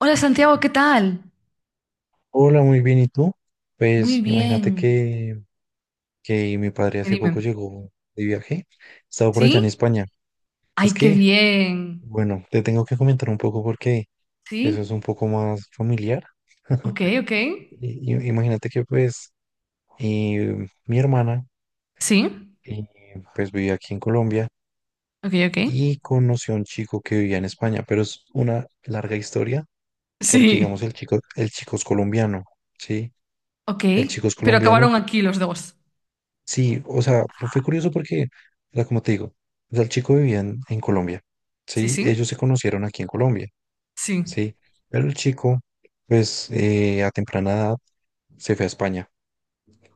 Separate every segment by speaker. Speaker 1: Hola Santiago, ¿qué tal?
Speaker 2: Hola, muy bien. ¿Y tú?
Speaker 1: Muy
Speaker 2: Pues imagínate
Speaker 1: bien.
Speaker 2: que mi padre
Speaker 1: Dime,
Speaker 2: hace
Speaker 1: dime.
Speaker 2: poco llegó de viaje. Estaba por allá en
Speaker 1: ¿Sí?
Speaker 2: España. Es
Speaker 1: Ay, qué
Speaker 2: que,
Speaker 1: bien.
Speaker 2: bueno, te tengo que comentar un poco porque eso es
Speaker 1: ¿Sí?
Speaker 2: un poco más familiar.
Speaker 1: Ok, ok.
Speaker 2: Imagínate que pues, mi hermana
Speaker 1: ¿Sí?
Speaker 2: eh, pues vivía aquí en Colombia
Speaker 1: Ok, ok.
Speaker 2: y conoció a un chico que vivía en España, pero es una larga historia porque digamos
Speaker 1: Sí.
Speaker 2: el chico es colombiano, ¿sí?
Speaker 1: Ok.
Speaker 2: El chico es
Speaker 1: Pero
Speaker 2: colombiano.
Speaker 1: acabaron aquí los dos.
Speaker 2: Sí, o sea, fue curioso porque, o sea, como te digo, o sea, el chico vivía en Colombia,
Speaker 1: Sí,
Speaker 2: ¿sí?
Speaker 1: sí.
Speaker 2: Ellos se conocieron aquí en Colombia,
Speaker 1: Sí.
Speaker 2: ¿sí? Pero el chico, pues, a temprana edad se fue a España.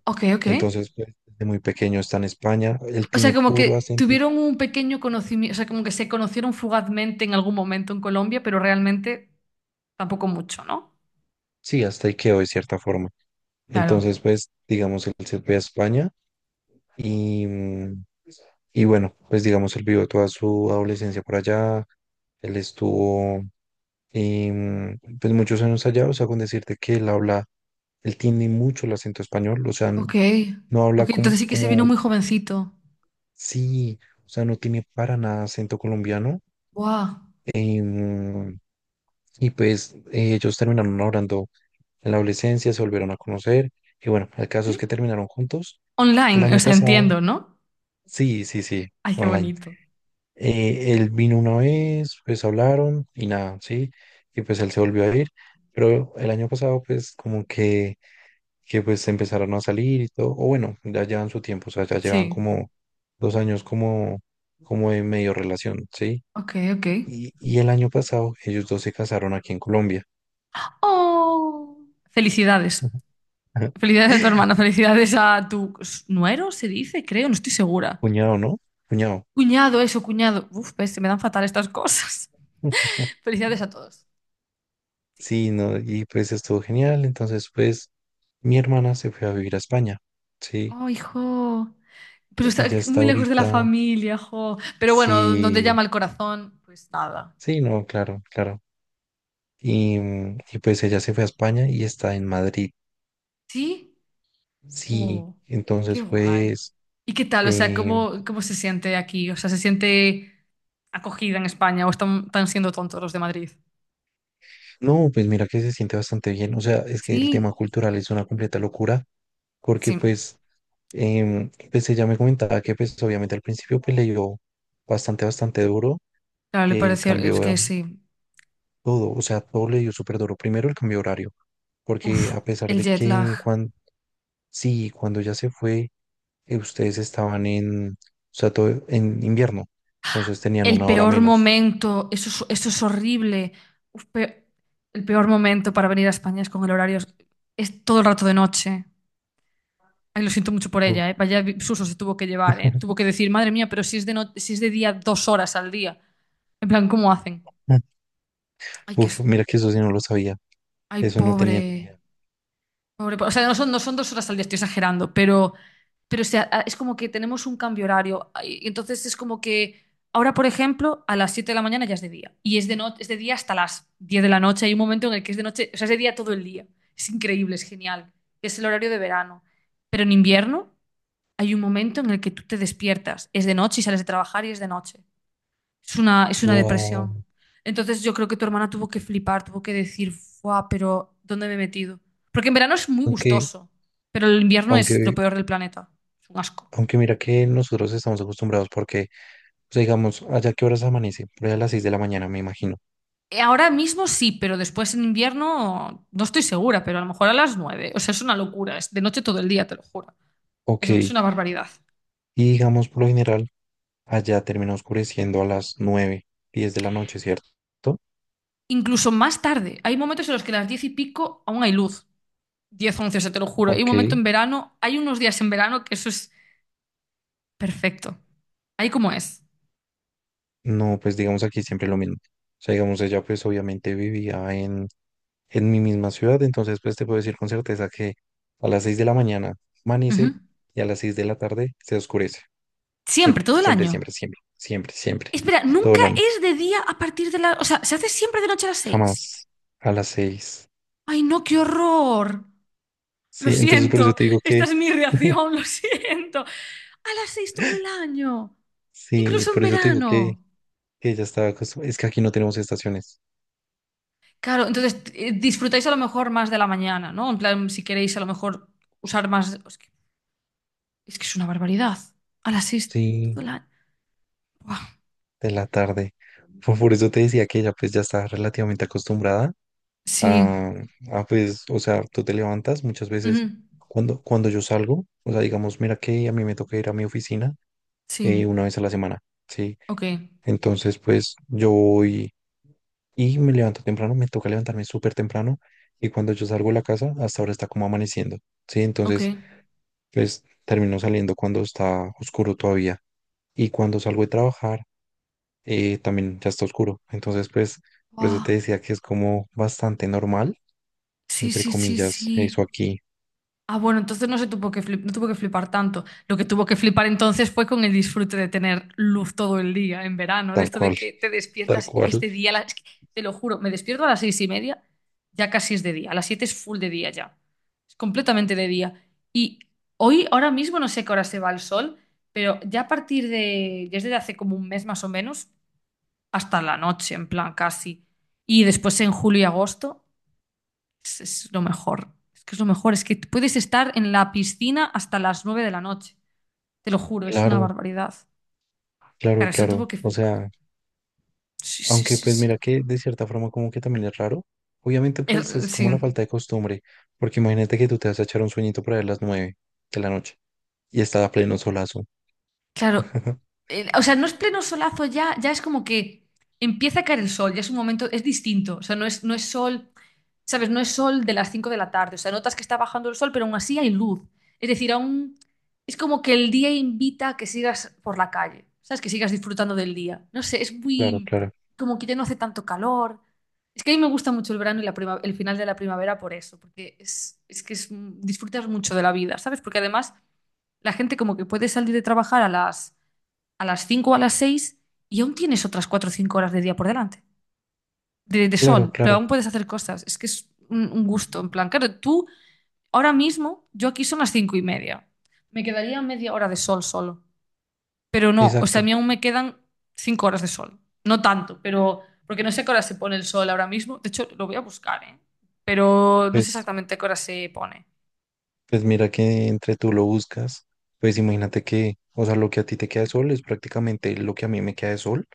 Speaker 1: Ok, ok.
Speaker 2: Entonces, pues, desde muy pequeño está en España. Él
Speaker 1: O sea,
Speaker 2: tiene
Speaker 1: como
Speaker 2: puro
Speaker 1: que
Speaker 2: acento.
Speaker 1: tuvieron un pequeño conocimiento, o sea, como que se conocieron fugazmente en algún momento en Colombia, pero realmente tampoco mucho, ¿no?
Speaker 2: Sí, hasta ahí quedó de cierta forma.
Speaker 1: Claro.
Speaker 2: Entonces, pues, digamos, él se fue a España y, mm, y bueno, pues, digamos, él vivió toda su adolescencia por allá. Él estuvo Y pues muchos años allá, o sea, con decirte que él habla, él tiene mucho el acento español, o sea,
Speaker 1: Ok.
Speaker 2: no habla
Speaker 1: Ok, entonces
Speaker 2: como,
Speaker 1: sí que se vino
Speaker 2: como,
Speaker 1: muy jovencito.
Speaker 2: sí, o sea, no tiene para nada acento colombiano.
Speaker 1: Wow.
Speaker 2: Y, mm, y pues, ellos terminaron hablando en la adolescencia, se volvieron a conocer. Y bueno, el caso es que terminaron juntos. El
Speaker 1: Online, o
Speaker 2: año
Speaker 1: sea,
Speaker 2: pasado,
Speaker 1: entiendo, ¿no?
Speaker 2: sí, sí, sí,
Speaker 1: Ay, qué
Speaker 2: online.
Speaker 1: bonito.
Speaker 2: Él vino una vez, pues hablaron y nada, sí, y pues él se volvió a ir. Pero el año pasado, pues como que pues empezaron a salir y todo, o bueno, ya llevan su tiempo, o sea, ya llevan
Speaker 1: Sí.
Speaker 2: como 2 años como, como de medio relación, ¿sí?
Speaker 1: Ok, ok.
Speaker 2: Y el año pasado ellos dos se casaron aquí en Colombia.
Speaker 1: ¡Oh! Felicidades. Felicidades a tu hermano, felicidades a tu nuero, se dice, creo, no estoy segura.
Speaker 2: Cuñado, ¿no? Cuñado.
Speaker 1: Cuñado, eso, cuñado. Uf, ves, se me dan fatal estas cosas. Felicidades a todos. Sí.
Speaker 2: Sí, no, y pues estuvo genial. Entonces, pues, mi hermana se fue a vivir a España. Sí,
Speaker 1: Oh, hijo. Pero está
Speaker 2: ella está
Speaker 1: muy lejos de la
Speaker 2: ahorita.
Speaker 1: familia, jo. Pero bueno, donde
Speaker 2: Sí,
Speaker 1: llama el corazón, pues nada.
Speaker 2: sí, no, claro, claro. Y, mm, y pues ella se fue a España y está en Madrid.
Speaker 1: ¿Sí?
Speaker 2: Sí,
Speaker 1: Oh, qué
Speaker 2: entonces
Speaker 1: guay.
Speaker 2: pues,
Speaker 1: ¿Y qué tal? O sea,
Speaker 2: eh,
Speaker 1: ¿cómo se siente aquí? O sea, ¿se siente acogida en España o están siendo tontos los de Madrid?
Speaker 2: no, pues mira que se siente bastante bien, o sea, es que el tema
Speaker 1: Sí,
Speaker 2: cultural es una completa locura, porque
Speaker 1: sí.
Speaker 2: pues, ella me comentaba que pues obviamente al principio pues le dio bastante, bastante duro
Speaker 1: Claro, le
Speaker 2: el
Speaker 1: pareció, es
Speaker 2: cambio,
Speaker 1: que sí.
Speaker 2: todo, o sea, todo le dio súper duro, primero el cambio de horario,
Speaker 1: Uf,
Speaker 2: porque a pesar
Speaker 1: el
Speaker 2: de
Speaker 1: jet lag.
Speaker 2: que cuando, sí, cuando ya se fue, ustedes estaban en, o sea, todo en invierno, entonces tenían
Speaker 1: El
Speaker 2: una hora
Speaker 1: peor
Speaker 2: menos.
Speaker 1: momento, eso es horrible. Uf, pe- el peor momento para venir a España es con el horario, es todo el rato de noche. Ay, lo siento mucho por
Speaker 2: Uf,
Speaker 1: ella, ¿eh? Vaya vi- susto se tuvo que llevar, ¿eh? Tuvo que decir, madre mía, pero si es de, no- si es de día 2 horas al día. En plan, ¿cómo hacen? Ay, que es.
Speaker 2: uf, mira que eso sí no lo sabía.
Speaker 1: Ay,
Speaker 2: Eso no tenía ni
Speaker 1: pobre.
Speaker 2: idea.
Speaker 1: Pobre, po- O sea, no son, no son 2 horas al día, estoy exagerando, pero o sea, a- es como que tenemos un cambio horario. Ay, y entonces es como que ahora, por ejemplo, a las 7 de la mañana ya es de día. Y es de, no, es de día hasta las 10 de la noche. Hay un momento en el que es de noche, o sea, es de día todo el día. Es increíble, es genial. Es el horario de verano. Pero en invierno hay un momento en el que tú te despiertas. Es de noche y sales de trabajar y es de noche. Es una depresión.
Speaker 2: Wow.
Speaker 1: Entonces yo creo que tu hermana tuvo que flipar, tuvo que decir, ¡guau! Pero ¿dónde me he metido? Porque en verano es muy
Speaker 2: Aunque,
Speaker 1: gustoso, pero el invierno es lo
Speaker 2: aunque,
Speaker 1: peor del planeta. Es un asco.
Speaker 2: aunque mira que nosotros estamos acostumbrados porque, o sea, digamos, allá qué horas amanece, por ahí a las 6 de la mañana, me imagino.
Speaker 1: Ahora mismo sí, pero después en invierno no estoy segura, pero a lo mejor a las 9. O sea, es una locura. Es de noche todo el día, te lo juro.
Speaker 2: Ok.
Speaker 1: Es
Speaker 2: Y
Speaker 1: una barbaridad.
Speaker 2: digamos, por lo general, allá termina oscureciendo a las 9, 10 de la noche, ¿cierto?
Speaker 1: Incluso más tarde. Hay momentos en los que a las 10 y pico aún hay luz. 10, 11, o sea, te lo juro. Hay un
Speaker 2: Ok.
Speaker 1: momento en verano, hay unos días en verano que eso es perfecto. Ahí como es.
Speaker 2: No, pues digamos aquí siempre lo mismo. O sea, digamos, ella pues obviamente vivía en mi misma ciudad, entonces pues te puedo decir con certeza que a las 6 de la mañana
Speaker 1: Ujú.
Speaker 2: amanece y a las 6 de la tarde se oscurece.
Speaker 1: Siempre,
Speaker 2: Siempre,
Speaker 1: todo el
Speaker 2: siempre,
Speaker 1: año.
Speaker 2: siempre, siempre, siempre, siempre.
Speaker 1: Espera,
Speaker 2: Todo
Speaker 1: nunca
Speaker 2: el año.
Speaker 1: es de día a partir de la... O sea, se hace siempre de noche a las 6.
Speaker 2: Jamás a las seis.
Speaker 1: Ay, no, qué horror. Lo
Speaker 2: Sí, entonces por eso
Speaker 1: siento,
Speaker 2: te digo
Speaker 1: esta
Speaker 2: que,
Speaker 1: es mi reacción, lo siento. A las 6 todo el año,
Speaker 2: sí,
Speaker 1: incluso en
Speaker 2: por eso te digo
Speaker 1: verano.
Speaker 2: que ya estaba acostumbrada. Es que aquí no tenemos estaciones.
Speaker 1: Claro, entonces disfrutáis a lo mejor más de la mañana, ¿no? En plan, si queréis a lo mejor usar más... Es que es, que es una barbaridad. A las 6 todo
Speaker 2: Sí,
Speaker 1: el año. Buah,
Speaker 2: de la tarde. Por eso te decía que ella pues ya está relativamente acostumbrada
Speaker 1: sí.
Speaker 2: a, a, pues, o sea, tú te levantas muchas
Speaker 1: Ujú,
Speaker 2: veces cuando yo salgo, o sea, digamos, mira que a mí me toca ir a mi oficina
Speaker 1: sí.
Speaker 2: una vez a la semana, ¿sí?
Speaker 1: Ok.
Speaker 2: Entonces, pues yo voy. Y me levanto temprano, me toca levantarme súper temprano. Y cuando yo salgo de la casa, hasta ahora está como amaneciendo. Sí,
Speaker 1: Ok.
Speaker 2: entonces, pues termino saliendo cuando está oscuro todavía. Y cuando salgo de trabajar, también ya está oscuro. Entonces, pues, por eso
Speaker 1: Buah.
Speaker 2: te decía que es como bastante normal,
Speaker 1: Sí,
Speaker 2: entre
Speaker 1: sí, sí,
Speaker 2: comillas, eso
Speaker 1: sí.
Speaker 2: aquí,
Speaker 1: Ah, bueno, entonces no se tuvo que flip- no tuvo que flipar tanto. Lo que tuvo que flipar entonces fue con el disfrute de tener luz todo el día en verano, de
Speaker 2: tal
Speaker 1: esto de
Speaker 2: cual,
Speaker 1: que te
Speaker 2: tal
Speaker 1: despiertas y es
Speaker 2: cual.
Speaker 1: de día. La- es que, te lo juro, me despierto a las 6:30, ya casi es de día. A las 7 es full de día ya. Es completamente de día. Y hoy, ahora mismo, no sé a qué hora se va el sol, pero ya a partir de, desde hace como un mes más o menos, hasta la noche, en plan casi. Y después en julio y agosto. Es lo mejor. Es que es lo mejor. Es que puedes estar en la piscina hasta las 9 de la noche. Te lo juro, es una
Speaker 2: Claro,
Speaker 1: barbaridad. Claro,
Speaker 2: claro,
Speaker 1: eso tuvo
Speaker 2: claro.
Speaker 1: que
Speaker 2: O
Speaker 1: flipar.
Speaker 2: sea,
Speaker 1: Sí, sí,
Speaker 2: aunque
Speaker 1: sí,
Speaker 2: pues mira
Speaker 1: sí.
Speaker 2: que de cierta forma como que también es raro. Obviamente pues
Speaker 1: Er-
Speaker 2: es
Speaker 1: sí.
Speaker 2: como la falta de costumbre, porque imagínate que tú te vas a echar un sueñito por ahí a las nueve de la noche y está a pleno solazo.
Speaker 1: Claro, o sea, no es pleno solazo ya, ya es como que empieza a caer el sol, ya es un momento, es distinto, o sea, no es, no es sol, ¿sabes? No es sol de las 5 de la tarde, o sea, notas que está bajando el sol, pero aún así hay luz. Es decir, aún es como que el día invita a que sigas por la calle, ¿sabes? Que sigas disfrutando del día. No sé, es
Speaker 2: Claro,
Speaker 1: muy,
Speaker 2: claro,
Speaker 1: como que ya no hace tanto calor. Es que a mí me gusta mucho el verano y la prima- el final de la primavera por eso, porque es que es, disfrutas mucho de la vida, ¿sabes? Porque además la gente como que puede salir de trabajar a las 5 o a las 6 y aún tienes otras 4 o 5 horas de día por delante, de
Speaker 2: claro,
Speaker 1: sol, pero
Speaker 2: claro,
Speaker 1: aún puedes hacer cosas. Es que es un gusto, en plan, claro, tú ahora mismo, yo aquí son las 5:30, me quedaría media hora de sol solo, pero no, o sea,
Speaker 2: exacto.
Speaker 1: a mí aún me quedan 5 horas de sol, no tanto, pero porque no sé a qué hora se pone el sol ahora mismo, de hecho lo voy a buscar, ¿eh? Pero no sé
Speaker 2: Pues,
Speaker 1: exactamente a qué hora se pone.
Speaker 2: pues mira que entre tú lo buscas, pues imagínate que, o sea, lo que a ti te queda de sol es prácticamente lo que a mí me queda de sol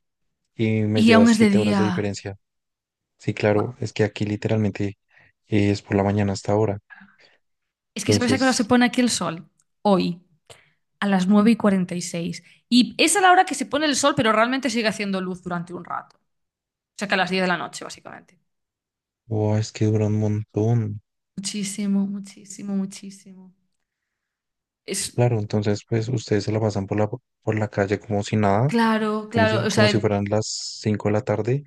Speaker 2: y me
Speaker 1: Y aún
Speaker 2: llevas
Speaker 1: es de
Speaker 2: 7 horas de
Speaker 1: día.
Speaker 2: diferencia. Sí,
Speaker 1: Buah.
Speaker 2: claro, es que aquí literalmente es por la mañana hasta ahora.
Speaker 1: Es que ¿sabes a qué hora se
Speaker 2: Entonces,
Speaker 1: pone aquí el sol? Hoy. a las 9:46 y esa es la hora que se pone el sol, pero realmente sigue haciendo luz durante un rato. O sea que a las 10 de la noche, básicamente.
Speaker 2: wow, es que dura un montón.
Speaker 1: Muchísimo, muchísimo, muchísimo. Es
Speaker 2: Claro, entonces pues ustedes se la pasan por la calle como si nada,
Speaker 1: claro, claro. O sea,
Speaker 2: como si fueran las 5 de la tarde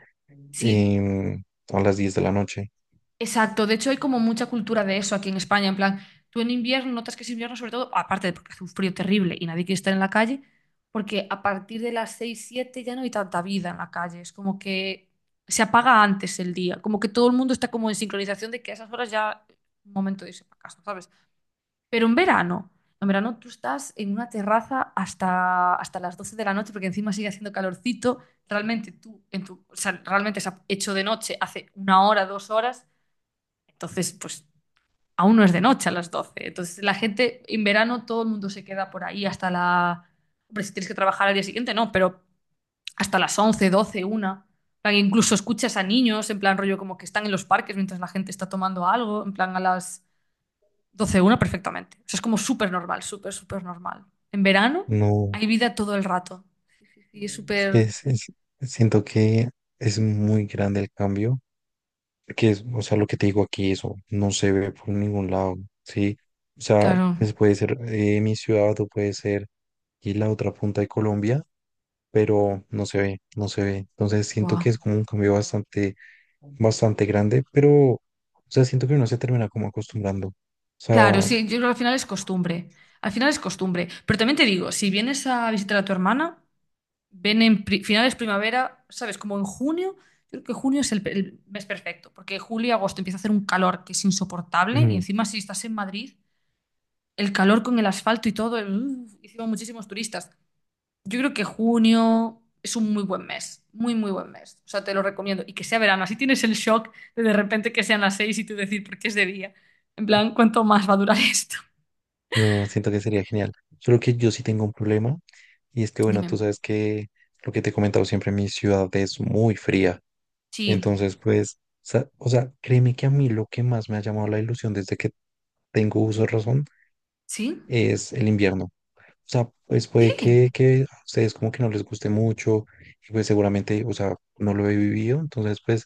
Speaker 1: si.
Speaker 2: em, o las 10 de la noche.
Speaker 1: Exacto, de hecho hay como mucha cultura de eso aquí en España, en plan, tú en invierno notas que es invierno sobre todo, aparte de porque hace un frío terrible y nadie quiere estar en la calle, porque a partir de las 6, 7 ya no hay tanta vida en la calle, es como que se apaga antes el día, como que todo el mundo está como en sincronización de que a esas horas ya es un momento de irse para casa, ¿sabes? Pero en verano tú estás en una terraza hasta las 12 de la noche porque encima sigue haciendo calorcito, realmente tú, en tu, o sea, realmente se ha hecho de noche hace una hora, 2 horas entonces, pues aún no es de noche a las 12. Entonces, la gente en verano todo el mundo se queda por ahí hasta la... Hombre, si tienes que trabajar al día siguiente, no, pero hasta las 11, 12, 1. En plan, incluso escuchas a niños, en plan rollo como que están en los parques mientras la gente está tomando algo, en plan a las 12, 1 perfectamente. O sea, es como súper normal, súper, súper normal. En verano
Speaker 2: No,
Speaker 1: hay vida todo el rato. Y es súper...
Speaker 2: es, es- siento que es muy grande el cambio, que es, o sea, lo que te digo aquí, eso no se ve por ningún lado, ¿sí? O sea,
Speaker 1: Claro,
Speaker 2: pues puede ser mi ciudad o puede ser y la otra punta de Colombia, pero no se ve, no se ve. Entonces siento
Speaker 1: buah.
Speaker 2: que es como un cambio bastante, bastante grande, pero, o sea, siento que uno se termina como acostumbrando. O
Speaker 1: Claro,
Speaker 2: sea,
Speaker 1: sí, yo creo que al final es costumbre. Al final es costumbre. Pero también te digo, si vienes a visitar a tu hermana, ven en pri- finales primavera, ¿sabes? Como en junio. Yo creo que junio es el, pe- el mes perfecto, porque julio y agosto empieza a hacer un calor que es insoportable y encima si estás en Madrid, el calor con el asfalto y todo, el- uf, encima muchísimos turistas. Yo creo que junio es un muy buen mes, muy, muy buen mes. O sea, te lo recomiendo. Y que sea verano, así tienes el shock de repente que sean las 6 y tú decir, ¿por qué es de día? En plan, ¿cuánto más va a durar esto?
Speaker 2: no, siento que sería genial. Solo que yo sí tengo un problema y es que, bueno, tú
Speaker 1: Dime.
Speaker 2: sabes que lo que te he comentado siempre, mi ciudad es muy fría.
Speaker 1: Sí,
Speaker 2: Entonces, pues, o sea, créeme que a mí lo que más me ha llamado la ilusión desde que tengo uso de razón
Speaker 1: sí,
Speaker 2: es el invierno. Sea, pues puede
Speaker 1: sí,
Speaker 2: que a ustedes como que no les guste mucho y pues seguramente, o sea, no lo he vivido, entonces pues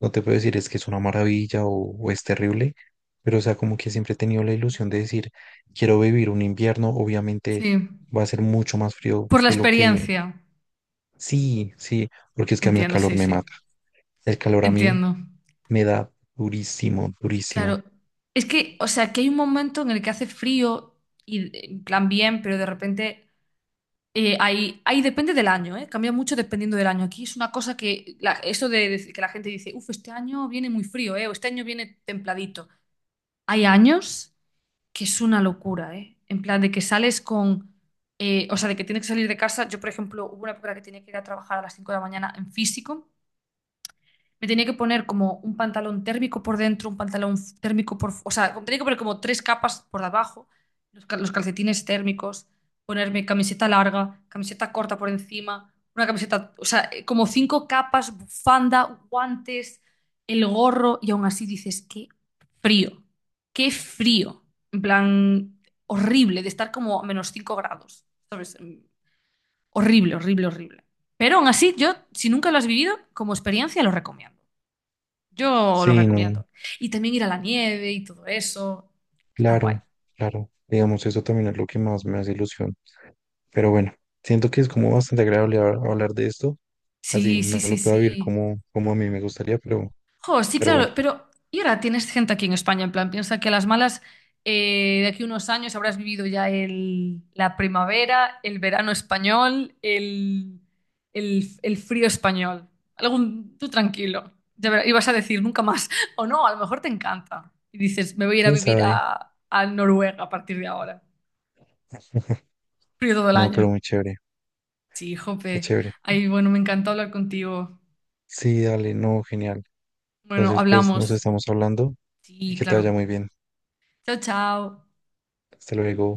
Speaker 2: no te puedo decir es que es una maravilla o, es terrible, pero o sea, como que siempre he tenido la ilusión de decir, quiero vivir un invierno, obviamente
Speaker 1: sí.
Speaker 2: va a ser mucho más frío
Speaker 1: Por la
Speaker 2: que lo que...
Speaker 1: experiencia.
Speaker 2: Sí, sí, porque es que a mí el
Speaker 1: Entiendo,
Speaker 2: calor
Speaker 1: sí,
Speaker 2: me
Speaker 1: sí.
Speaker 2: mata, el calor a mí
Speaker 1: Entiendo.
Speaker 2: me da durísimo, durísimo.
Speaker 1: Claro. Es que, o sea, que hay un momento en el que hace frío y en plan bien, pero de repente hay, hay- depende del año, ¿eh? Cambia mucho dependiendo del año. Aquí es una cosa que la- eso de que la gente dice, uff, este año viene muy frío, ¿eh? O este año viene templadito. Hay años que es una locura, ¿eh? En plan de que sales con, o sea, de que tienes que salir de casa. Yo, por ejemplo, hubo una época en la que tenía que ir a trabajar a las 5 de la mañana en físico. Me tenía que poner como un pantalón térmico por dentro, un pantalón f- térmico por... Fu- o sea, tenía que poner como 3 capas por debajo, los, cal- los calcetines térmicos, ponerme camiseta larga, camiseta corta por encima, una camiseta... O sea, como 5 capas, bufanda, guantes, el gorro, y aún así dices, qué frío, qué frío. En plan, horrible, de estar como a -5 grados, ¿sabes? Horrible, horrible, horrible. Pero aún así, yo, si nunca lo has vivido, como experiencia lo recomiendo. Yo lo
Speaker 2: Sí, no,
Speaker 1: recomiendo. Y también ir a la nieve y todo eso. Está guay.
Speaker 2: claro, claro, digamos, eso también es lo que más me hace ilusión. Pero bueno, siento que es como bastante agradable hablar de esto. Así
Speaker 1: Sí, sí,
Speaker 2: no
Speaker 1: sí,
Speaker 2: lo puedo vivir
Speaker 1: sí.
Speaker 2: como, como a mí me gustaría, pero,
Speaker 1: Jo, sí,
Speaker 2: pero
Speaker 1: claro,
Speaker 2: bueno,
Speaker 1: pero ¿y ahora tienes gente aquí en España? En plan, piensa que a las malas, de aquí a unos años habrás vivido ya el, la primavera, el verano español, el frío español. Algún, tú tranquilo. Ya verás, ibas a decir nunca más. O no, a lo mejor te encanta. Y dices, me voy a ir a
Speaker 2: quién
Speaker 1: vivir
Speaker 2: sabe.
Speaker 1: a Noruega a partir de ahora. Frío todo el
Speaker 2: No, pero
Speaker 1: año.
Speaker 2: muy chévere,
Speaker 1: Sí,
Speaker 2: qué
Speaker 1: jope.
Speaker 2: chévere.
Speaker 1: Ay, bueno, me encanta hablar contigo.
Speaker 2: Sí, dale, no, genial.
Speaker 1: Bueno,
Speaker 2: Entonces, pues nos
Speaker 1: hablamos.
Speaker 2: estamos hablando y
Speaker 1: Sí,
Speaker 2: que te vaya
Speaker 1: claro.
Speaker 2: muy bien.
Speaker 1: Chao, chao.
Speaker 2: Hasta luego.